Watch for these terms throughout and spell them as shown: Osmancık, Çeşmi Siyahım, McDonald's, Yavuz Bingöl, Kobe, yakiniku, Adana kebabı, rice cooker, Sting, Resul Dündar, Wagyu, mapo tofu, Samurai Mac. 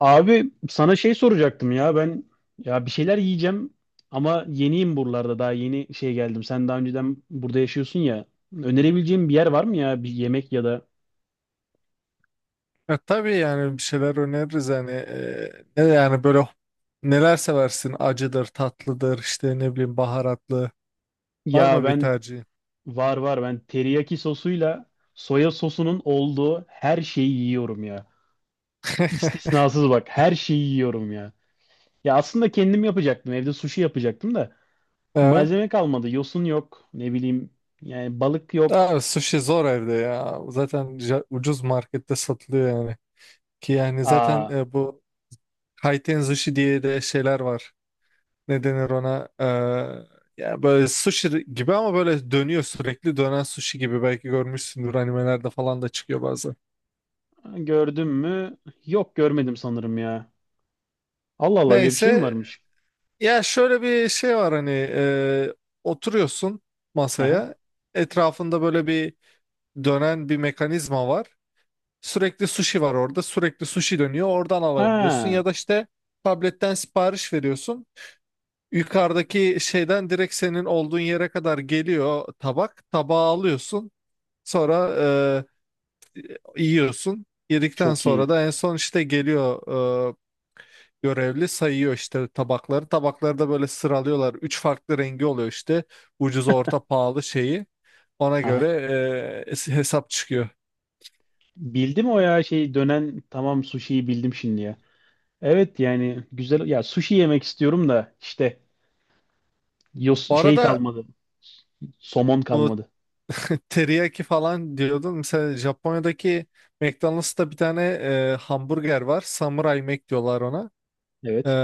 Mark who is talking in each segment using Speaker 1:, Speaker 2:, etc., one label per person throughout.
Speaker 1: Abi sana şey soracaktım ya ben, ya bir şeyler yiyeceğim ama yeniyim buralarda, daha yeni şey geldim. Sen daha önceden burada yaşıyorsun ya. Önerebileceğim bir yer var mı, ya bir yemek ya da
Speaker 2: Ya tabii yani bir şeyler öneririz hani, ne yani böyle, neler seversin, acıdır, tatlıdır işte ne bileyim, baharatlı, var
Speaker 1: ya
Speaker 2: mı bir
Speaker 1: ben
Speaker 2: tercihin?
Speaker 1: var var, ben teriyaki sosuyla soya sosunun olduğu her şeyi yiyorum ya. İstisnasız, bak, her şeyi yiyorum ya. Ya aslında kendim yapacaktım, evde sushi yapacaktım da
Speaker 2: Evet.
Speaker 1: malzeme kalmadı, yosun yok, ne bileyim, yani balık yok.
Speaker 2: Abi sushi zor evde ya, zaten ucuz markette satılıyor yani. Ki yani zaten
Speaker 1: Aa.
Speaker 2: bu kaiten sushi diye de şeyler var. Ne denir ona? Ya böyle sushi gibi ama böyle dönüyor, sürekli dönen sushi gibi. Belki görmüşsündür, animelerde falan da çıkıyor bazen.
Speaker 1: Gördüm mü? Yok, görmedim sanırım ya. Allah Allah, öyle bir şey mi
Speaker 2: Neyse.
Speaker 1: varmış?
Speaker 2: Ya şöyle bir şey var hani, oturuyorsun
Speaker 1: Aha.
Speaker 2: masaya, etrafında böyle bir dönen bir mekanizma var. Sürekli sushi var orada, sürekli sushi dönüyor oradan alabiliyorsun
Speaker 1: Ha,
Speaker 2: ya da işte tabletten sipariş veriyorsun. Yukarıdaki şeyden direkt senin olduğun yere kadar geliyor, tabak tabağı alıyorsun, sonra yiyorsun. Yedikten
Speaker 1: çok
Speaker 2: sonra
Speaker 1: iyi.
Speaker 2: da en son işte geliyor, e, görevli sayıyor işte tabakları. Tabakları da böyle sıralıyorlar. Üç farklı rengi oluyor işte. Ucuz, orta, pahalı şeyi. Ona göre
Speaker 1: Aha.
Speaker 2: hesap çıkıyor.
Speaker 1: Bildim, o ya şey, dönen, tamam, sushi'yi bildim şimdi ya. Evet, yani güzel ya, sushi yemek istiyorum da işte
Speaker 2: Bu
Speaker 1: şey
Speaker 2: arada
Speaker 1: kalmadı. Somon
Speaker 2: o
Speaker 1: kalmadı.
Speaker 2: teriyaki falan diyordun. Mesela Japonya'daki McDonald's'ta bir tane hamburger var. Samurai Mac diyorlar ona. E,
Speaker 1: Evet.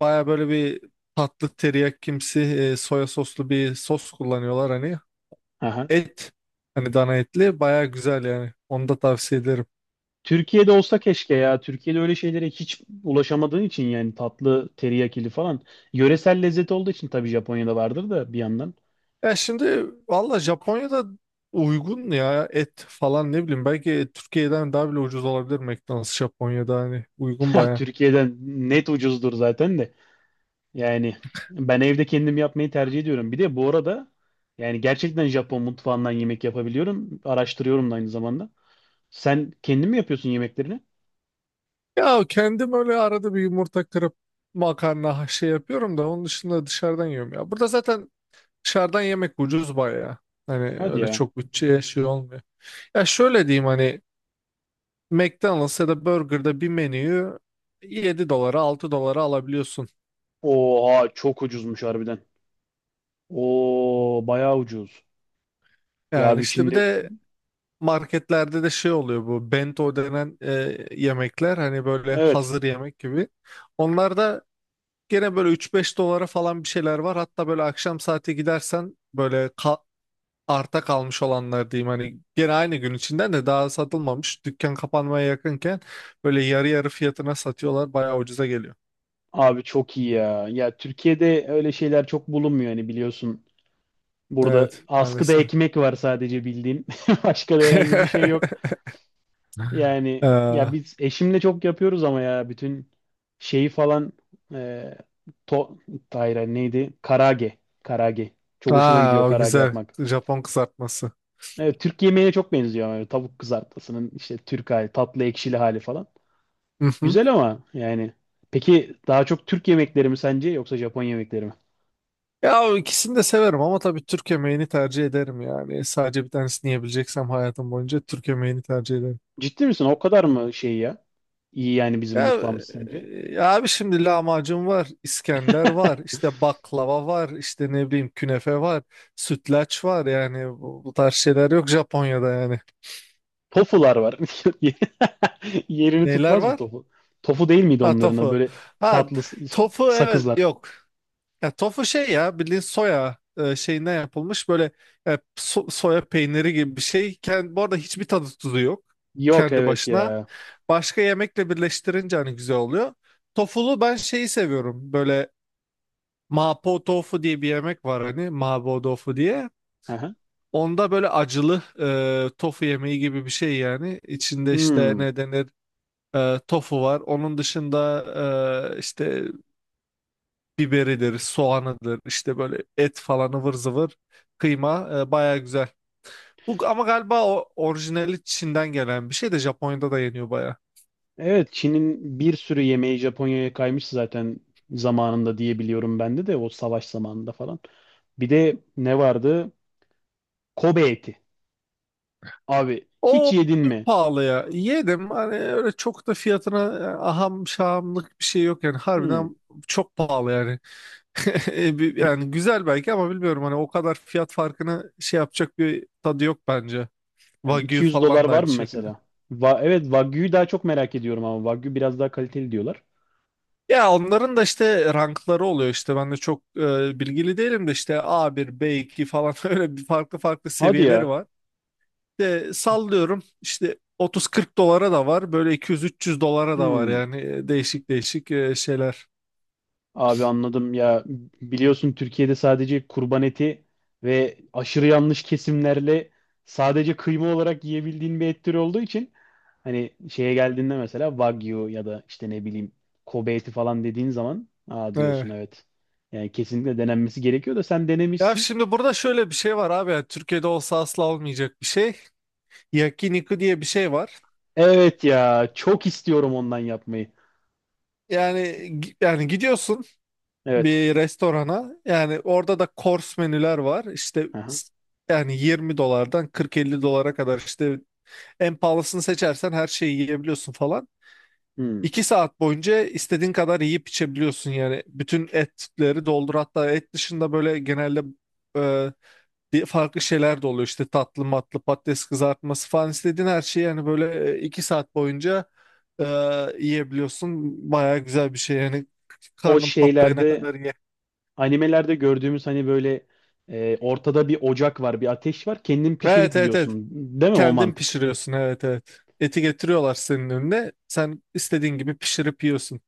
Speaker 2: baya böyle bir tatlı teriyakimsi, soya soslu bir sos kullanıyorlar hani.
Speaker 1: Aha.
Speaker 2: Et hani, dana etli, baya güzel yani. Onu da tavsiye ederim.
Speaker 1: Türkiye'de olsa keşke ya. Türkiye'de öyle şeylere hiç ulaşamadığın için yani, tatlı teriyakili falan. Yöresel lezzet olduğu için tabii Japonya'da vardır da bir yandan.
Speaker 2: Ya şimdi valla Japonya'da uygun ya et falan, ne bileyim, belki Türkiye'den daha bile ucuz olabilir McDonald's Japonya'da, hani uygun baya.
Speaker 1: Türkiye'den net ucuzdur zaten de. Yani ben evde kendim yapmayı tercih ediyorum. Bir de bu arada yani gerçekten Japon mutfağından yemek yapabiliyorum. Araştırıyorum da aynı zamanda. Sen kendin mi yapıyorsun yemeklerini?
Speaker 2: Ya kendim öyle arada bir yumurta kırıp makarna şey yapıyorum da, onun dışında dışarıdan yiyorum ya. Burada zaten dışarıdan yemek ucuz baya. Hani
Speaker 1: Hadi
Speaker 2: öyle
Speaker 1: ya.
Speaker 2: çok bütçeye şey olmuyor. Ya şöyle diyeyim hani, McDonald's ya da Burger'da bir menüyü 7 dolara, 6 dolara alabiliyorsun.
Speaker 1: Oha, çok ucuzmuş harbiden. Oo, bayağı ucuz. Ya
Speaker 2: Yani
Speaker 1: abi
Speaker 2: işte bir
Speaker 1: şimdi,
Speaker 2: de marketlerde de şey oluyor, bu bento denen yemekler, hani böyle
Speaker 1: evet
Speaker 2: hazır yemek gibi. Onlarda gene böyle üç beş dolara falan bir şeyler var. Hatta böyle akşam saati gidersen böyle arta kalmış olanlar diyeyim hani, gene aynı gün içinden de daha satılmamış. Dükkan kapanmaya yakınken böyle yarı yarı fiyatına satıyorlar. Bayağı ucuza geliyor.
Speaker 1: abi çok iyi ya. Ya Türkiye'de öyle şeyler çok bulunmuyor hani, biliyorsun. Burada
Speaker 2: Evet,
Speaker 1: askıda
Speaker 2: maalesef.
Speaker 1: ekmek var sadece, bildiğin. Başka da herhangi bir şey yok. Yani ya
Speaker 2: Ee,
Speaker 1: biz eşimle çok yapıyoruz ama ya bütün şeyi falan, e, to hayır, hayır, neydi? Karage. Karage. Çok hoşuma gidiyor
Speaker 2: Aa, o
Speaker 1: karage
Speaker 2: güzel
Speaker 1: yapmak.
Speaker 2: Japon kızartması.
Speaker 1: Evet, Türk yemeğine çok benziyor. Yani tavuk kızartmasının işte Türk hali, tatlı ekşili hali falan. Güzel ama yani. Peki, daha çok Türk yemekleri mi sence yoksa Japon yemekleri mi?
Speaker 2: Ya ikisini de severim ama tabii Türk yemeğini tercih ederim yani. Sadece bir tanesini yiyebileceksem hayatım boyunca Türk yemeğini tercih ederim.
Speaker 1: Ciddi misin? O kadar mı şey ya? İyi yani, bizim
Speaker 2: Ya,
Speaker 1: mutfağımız sence?
Speaker 2: ya, abi şimdi lahmacun var, İskender var, işte baklava var, işte ne bileyim künefe var, sütlaç var, yani bu tarz şeyler yok Japonya'da yani.
Speaker 1: Tofular var. Yerini
Speaker 2: Neler
Speaker 1: tutmaz mı
Speaker 2: var?
Speaker 1: tofu? Tofu değil miydi
Speaker 2: Ha,
Speaker 1: onların adı?
Speaker 2: tofu.
Speaker 1: Böyle
Speaker 2: Ha,
Speaker 1: tatlı
Speaker 2: tofu, evet,
Speaker 1: sakızlar.
Speaker 2: yok. Ya tofu şey, ya bildiğin soya, şeyinden yapılmış böyle soya peyniri gibi bir şey. Bu arada hiçbir tadı tuzu yok
Speaker 1: Yok,
Speaker 2: kendi
Speaker 1: evet
Speaker 2: başına.
Speaker 1: ya.
Speaker 2: Başka yemekle birleştirince hani güzel oluyor. Tofulu ben şeyi seviyorum, böyle mapo tofu diye bir yemek var hani, mapo tofu diye.
Speaker 1: Aha.
Speaker 2: Onda böyle acılı tofu yemeği gibi bir şey yani. İçinde işte
Speaker 1: Hmm.
Speaker 2: ne denir, tofu var. Onun dışında işte biberidir, soğanıdır, işte böyle et falan ıvır zıvır, kıyma, baya güzel. Bu ama galiba o orijinali Çin'den gelen bir şey de, Japonya'da da yeniyor baya.
Speaker 1: Evet, Çin'in bir sürü yemeği Japonya'ya kaymış zaten zamanında diye biliyorum, ben de o savaş zamanında falan. Bir de ne vardı? Kobe eti. Abi hiç
Speaker 2: O
Speaker 1: yedin
Speaker 2: çok
Speaker 1: mi?
Speaker 2: pahalı ya. Yedim hani öyle, çok da fiyatına aham şahamlık bir şey yok yani,
Speaker 1: Hmm.
Speaker 2: harbiden çok pahalı yani.
Speaker 1: Bir-
Speaker 2: Yani güzel belki ama bilmiyorum hani, o kadar fiyat farkını şey yapacak bir tadı yok bence.
Speaker 1: Yani
Speaker 2: Wagyu
Speaker 1: 200 dolar
Speaker 2: falan da
Speaker 1: var
Speaker 2: aynı
Speaker 1: mı
Speaker 2: şekilde.
Speaker 1: mesela? Evet, Wagyu'yu daha çok merak ediyorum ama Wagyu biraz daha kaliteli diyorlar.
Speaker 2: Ya onların da işte rankları oluyor işte, ben de çok bilgili değilim de işte a bir b iki falan, öyle bir farklı farklı
Speaker 1: Hadi
Speaker 2: seviyeleri
Speaker 1: ya.
Speaker 2: var. De sallıyorum işte, 30-40 dolara da var, böyle 200-300 dolara da var
Speaker 1: Hmm.
Speaker 2: yani, değişik değişik şeyler.
Speaker 1: Abi anladım ya, biliyorsun Türkiye'de sadece kurban eti ve aşırı yanlış kesimlerle sadece kıyma olarak yiyebildiğin bir et türü olduğu için hani şeye geldiğinde mesela Wagyu ya da işte ne bileyim Kobe eti falan dediğin zaman aa
Speaker 2: He.
Speaker 1: diyorsun, evet. Yani kesinlikle denenmesi gerekiyor da sen
Speaker 2: Ya
Speaker 1: denemişsin.
Speaker 2: şimdi burada şöyle bir şey var abi, yani Türkiye'de olsa asla olmayacak bir şey. Yakiniku diye bir şey var.
Speaker 1: Evet, ya çok istiyorum ondan yapmayı.
Speaker 2: Yani yani gidiyorsun
Speaker 1: Evet.
Speaker 2: bir restorana, yani orada da kors menüler var işte,
Speaker 1: Aha.
Speaker 2: yani 20 dolardan 40-50 dolara kadar, işte en pahalısını seçersen her şeyi yiyebiliyorsun falan.
Speaker 1: Hmm.
Speaker 2: 2 saat boyunca istediğin kadar yiyip içebiliyorsun yani, bütün etleri doldur, hatta et dışında böyle genelde e, farklı şeyler de oluyor işte, tatlı matlı, patates kızartması falan, istediğin her şeyi, yani böyle 2 saat boyunca e, yiyebiliyorsun, baya güzel bir şey yani,
Speaker 1: O
Speaker 2: karnın patlayana
Speaker 1: şeylerde,
Speaker 2: kadar.
Speaker 1: animelerde gördüğümüz hani böyle, ortada bir ocak var, bir ateş var. Kendin pişirip
Speaker 2: Evet, evet, evet.
Speaker 1: yiyorsun. Değil mi o
Speaker 2: Kendin
Speaker 1: mantık?
Speaker 2: pişiriyorsun, evet, evet. Eti getiriyorlar senin önüne. Sen istediğin gibi pişirip yiyorsun.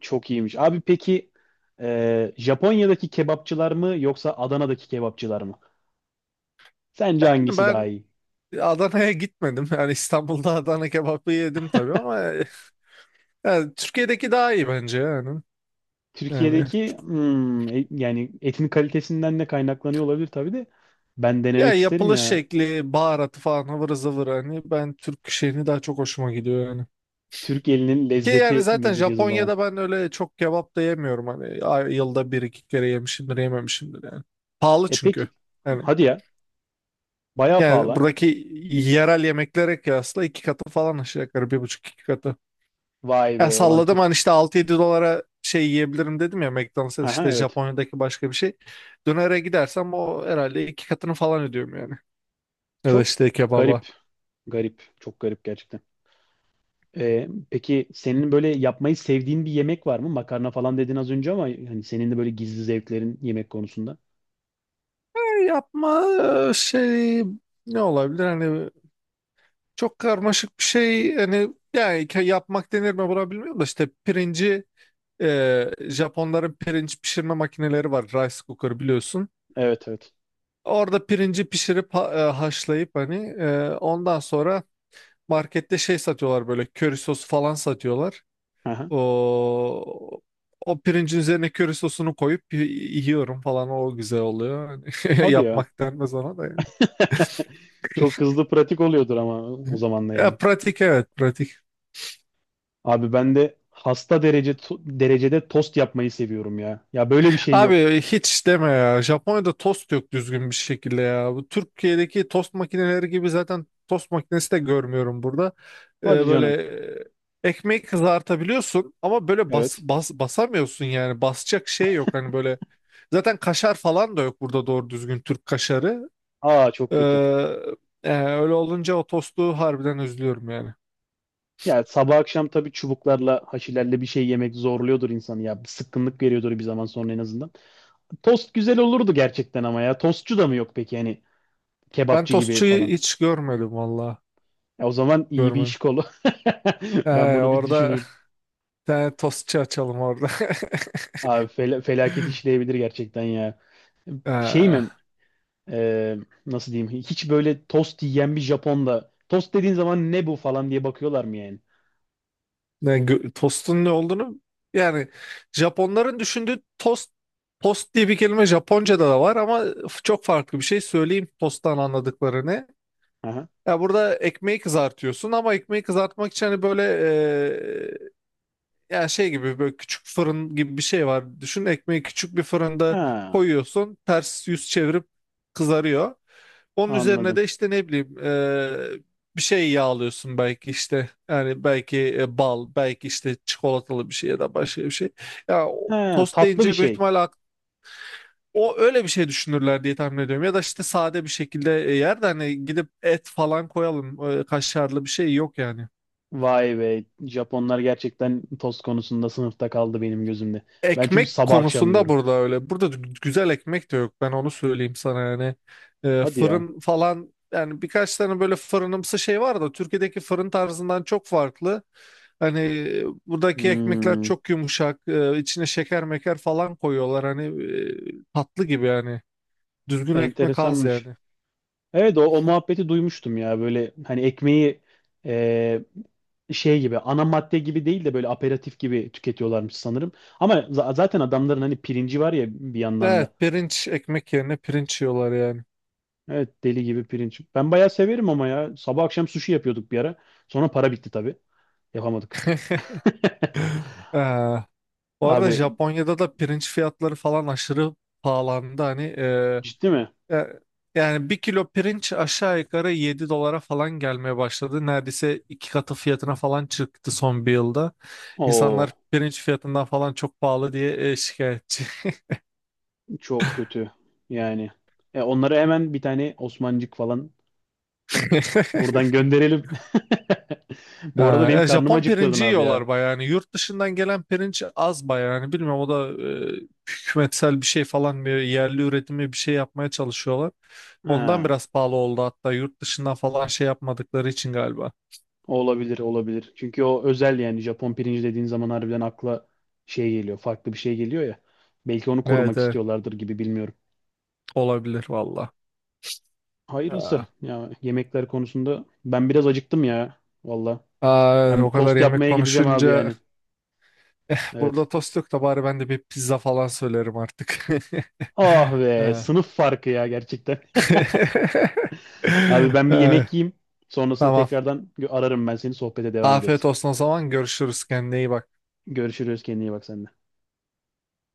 Speaker 1: Çok iyiymiş. Abi peki, Japonya'daki kebapçılar mı yoksa Adana'daki kebapçılar mı? Sence
Speaker 2: Yani
Speaker 1: hangisi daha
Speaker 2: ben
Speaker 1: iyi?
Speaker 2: Adana'ya gitmedim. Yani İstanbul'da Adana kebabı yedim tabii ama yani Türkiye'deki daha iyi bence yani. Yani
Speaker 1: Türkiye'deki, hmm, yani etin kalitesinden de kaynaklanıyor olabilir tabii de ben
Speaker 2: ya,
Speaker 1: denemek isterim
Speaker 2: yapılış
Speaker 1: ya.
Speaker 2: şekli, baharatı falan ıvır zıvır, hani ben Türk şeyini daha çok hoşuma gidiyor yani.
Speaker 1: Türk elinin
Speaker 2: Ki yani
Speaker 1: lezzeti
Speaker 2: zaten
Speaker 1: mi diyeceğiz o zaman?
Speaker 2: Japonya'da ben öyle çok kebap da yemiyorum hani, yılda bir iki kere yemişimdir, yememişimdir yani. Pahalı
Speaker 1: E
Speaker 2: çünkü.
Speaker 1: peki,
Speaker 2: Yani
Speaker 1: hadi ya, bayağı
Speaker 2: Yani
Speaker 1: pahalı.
Speaker 2: buradaki yerel yemeklere kıyasla 2 katı falan, aşağı yukarı 1,5-2 katı.
Speaker 1: Vay
Speaker 2: Ya
Speaker 1: be, olan
Speaker 2: salladım
Speaker 1: Türk.
Speaker 2: hani, işte 6-7 dolara şey yiyebilirim dedim ya McDonald's'ta,
Speaker 1: Aha,
Speaker 2: işte
Speaker 1: evet.
Speaker 2: Japonya'daki başka bir şey. Dönere gidersem o herhalde 2 katını falan ödüyorum yani. Ya da
Speaker 1: Çok
Speaker 2: işte kebaba.
Speaker 1: garip. Garip. Çok garip gerçekten. Peki senin böyle yapmayı sevdiğin bir yemek var mı? Makarna falan dedin az önce ama hani senin de böyle gizli zevklerin yemek konusunda.
Speaker 2: Yapma şey, ne olabilir hani, çok karmaşık bir şey hani, yani yapmak denir mi buna, bilmiyorum da işte pirinci... Japonların pirinç pişirme makineleri var, rice cooker biliyorsun.
Speaker 1: Evet, evet.
Speaker 2: Orada pirinci pişirip haşlayıp hani, ondan sonra markette şey satıyorlar, böyle köri sosu falan satıyorlar.
Speaker 1: Aha.
Speaker 2: O o pirincin üzerine köri sosunu koyup yiyorum falan, o güzel oluyor.
Speaker 1: Hadi ya.
Speaker 2: Yapmak denmez ona da yani.
Speaker 1: Çok hızlı, pratik oluyordur ama o zaman da
Speaker 2: Ya
Speaker 1: yani.
Speaker 2: pratik, evet pratik.
Speaker 1: Abi ben de hasta derece derecede tost yapmayı seviyorum ya. Ya böyle bir şey yok.
Speaker 2: Abi hiç deme ya. Japonya'da tost yok düzgün bir şekilde ya. Bu Türkiye'deki tost makineleri gibi, zaten tost makinesi de görmüyorum burada.
Speaker 1: Hadi
Speaker 2: Böyle
Speaker 1: canım.
Speaker 2: ekmeği kızartabiliyorsun ama böyle
Speaker 1: Evet.
Speaker 2: basamıyorsun yani. Basacak şey yok hani böyle. Zaten kaşar falan da yok burada, doğru düzgün Türk kaşarı.
Speaker 1: Aa, çok
Speaker 2: Ee,
Speaker 1: kötü.
Speaker 2: öyle olunca o tostu harbiden üzülüyorum yani.
Speaker 1: Ya sabah akşam tabii çubuklarla, haşilerle bir şey yemek zorluyordur insanı ya. Bir sıkkınlık veriyordur bir zaman sonra, en azından. Tost güzel olurdu gerçekten ama ya. Tostçu da mı yok peki, hani
Speaker 2: Ben
Speaker 1: kebapçı gibi
Speaker 2: tostçuyu
Speaker 1: falan?
Speaker 2: hiç görmedim valla.
Speaker 1: Ya o zaman iyi bir iş
Speaker 2: Görmedim.
Speaker 1: kolu. Ben
Speaker 2: Ee,
Speaker 1: bunu bir
Speaker 2: orada bir
Speaker 1: düşüneyim.
Speaker 2: tane tostçu açalım orada.
Speaker 1: Abi felaket işleyebilir gerçekten ya. Şey
Speaker 2: Ee,
Speaker 1: mi? Ee, Nasıl diyeyim? Hiç böyle tost yiyen bir Japon'da tost dediğin zaman ne bu falan diye bakıyorlar mı yani?
Speaker 2: tostun ne olduğunu, yani Japonların düşündüğü tost, tost diye bir kelime Japonca'da da var ama, çok farklı bir şey söyleyeyim tosttan anladıklarını.
Speaker 1: Aha.
Speaker 2: Ya burada ekmeği kızartıyorsun ama ekmeği kızartmak için hani böyle, ya şey gibi, böyle küçük fırın gibi bir şey var. Düşün, ekmeği küçük bir fırında
Speaker 1: Ha,
Speaker 2: koyuyorsun. Ters yüz çevirip kızarıyor. Onun üzerine
Speaker 1: anladım.
Speaker 2: de işte ne bileyim, bir şey yağlıyorsun belki işte. Yani belki bal, belki işte çikolatalı bir şey ya da başka bir şey. Ya o
Speaker 1: He,
Speaker 2: tost
Speaker 1: tatlı bir
Speaker 2: deyince büyük
Speaker 1: şey.
Speaker 2: ihtimalle, o öyle bir şey düşünürler diye tahmin ediyorum. Ya da işte sade bir şekilde, yer de hani gidip et falan koyalım. Kaşarlı bir şey yok yani.
Speaker 1: Vay be. Japonlar gerçekten tost konusunda sınıfta kaldı benim gözümde. Ben çünkü
Speaker 2: Ekmek
Speaker 1: sabah akşam
Speaker 2: konusunda
Speaker 1: yiyorum.
Speaker 2: burada öyle. Burada güzel ekmek de yok. Ben onu söyleyeyim sana yani. Ee,
Speaker 1: Hadi ya.
Speaker 2: fırın falan yani, birkaç tane böyle fırınımsı şey var da Türkiye'deki fırın tarzından çok farklı. Hani buradaki ekmekler
Speaker 1: Hmm,
Speaker 2: çok yumuşak. E, içine şeker meker falan koyuyorlar. Hani tatlı gibi yani. Düzgün ekmek az
Speaker 1: enteresanmış.
Speaker 2: yani.
Speaker 1: Evet, o muhabbeti duymuştum ya. Böyle hani ekmeği, e, şey gibi, ana madde gibi değil de böyle aperatif gibi tüketiyorlarmış sanırım. Ama zaten adamların hani pirinci var ya bir yandan da.
Speaker 2: Evet, pirinç ekmek yerine pirinç yiyorlar yani.
Speaker 1: Evet, deli gibi pirinç. Ben bayağı severim ama ya. Sabah akşam sushi yapıyorduk bir ara. Sonra para bitti tabii. Yapamadık.
Speaker 2: Ee, bu arada
Speaker 1: Abi
Speaker 2: Japonya'da da pirinç fiyatları falan aşırı pahalandı. Hani
Speaker 1: ciddi mi?
Speaker 2: Ya- Yani 1 kilo pirinç aşağı yukarı 7 dolara falan gelmeye başladı. Neredeyse 2 katı fiyatına falan çıktı son bir yılda.
Speaker 1: Oo,
Speaker 2: İnsanlar pirinç fiyatından falan çok pahalı diye şikayetçi.
Speaker 1: çok kötü. Yani, onlara hemen bir tane Osmancık falan buradan gönderelim.
Speaker 2: Ha,
Speaker 1: Bu arada benim
Speaker 2: ya
Speaker 1: karnım
Speaker 2: Japon
Speaker 1: acıktırdın
Speaker 2: pirinci
Speaker 1: abi ya.
Speaker 2: yiyorlar bayağı. Yani yurt dışından gelen pirinç az bayağı. Yani bilmiyorum, o da e, hükümetsel bir şey falan, bir yerli üretimi bir şey yapmaya çalışıyorlar. Ondan
Speaker 1: Ha,
Speaker 2: biraz pahalı oldu, hatta yurt dışından falan şey yapmadıkları için galiba.
Speaker 1: olabilir, olabilir. Çünkü o özel yani, Japon pirinci dediğin zaman harbiden akla şey geliyor, farklı bir şey geliyor ya. Belki onu
Speaker 2: Evet,
Speaker 1: korumak
Speaker 2: evet,
Speaker 1: istiyorlardır gibi, bilmiyorum.
Speaker 2: olabilir valla.
Speaker 1: Hayırlısı. Ya yemekler konusunda ben biraz acıktım ya. Valla.
Speaker 2: Aa,
Speaker 1: Ben bir
Speaker 2: o kadar
Speaker 1: tost
Speaker 2: yemek
Speaker 1: yapmaya gideceğim abi
Speaker 2: konuşunca,
Speaker 1: yani.
Speaker 2: burada
Speaker 1: Evet.
Speaker 2: tost yok da bari ben de bir pizza falan söylerim artık.
Speaker 1: Ah be,
Speaker 2: Ha.
Speaker 1: sınıf farkı ya gerçekten. Abi ben bir yemek
Speaker 2: Ha,
Speaker 1: yiyeyim. Sonrasında
Speaker 2: tamam.
Speaker 1: tekrardan ararım ben seni, sohbete devam
Speaker 2: Afiyet
Speaker 1: ederiz.
Speaker 2: olsun o zaman. Görüşürüz. Kendine iyi bak.
Speaker 1: Görüşürüz, kendine iyi bak sen de.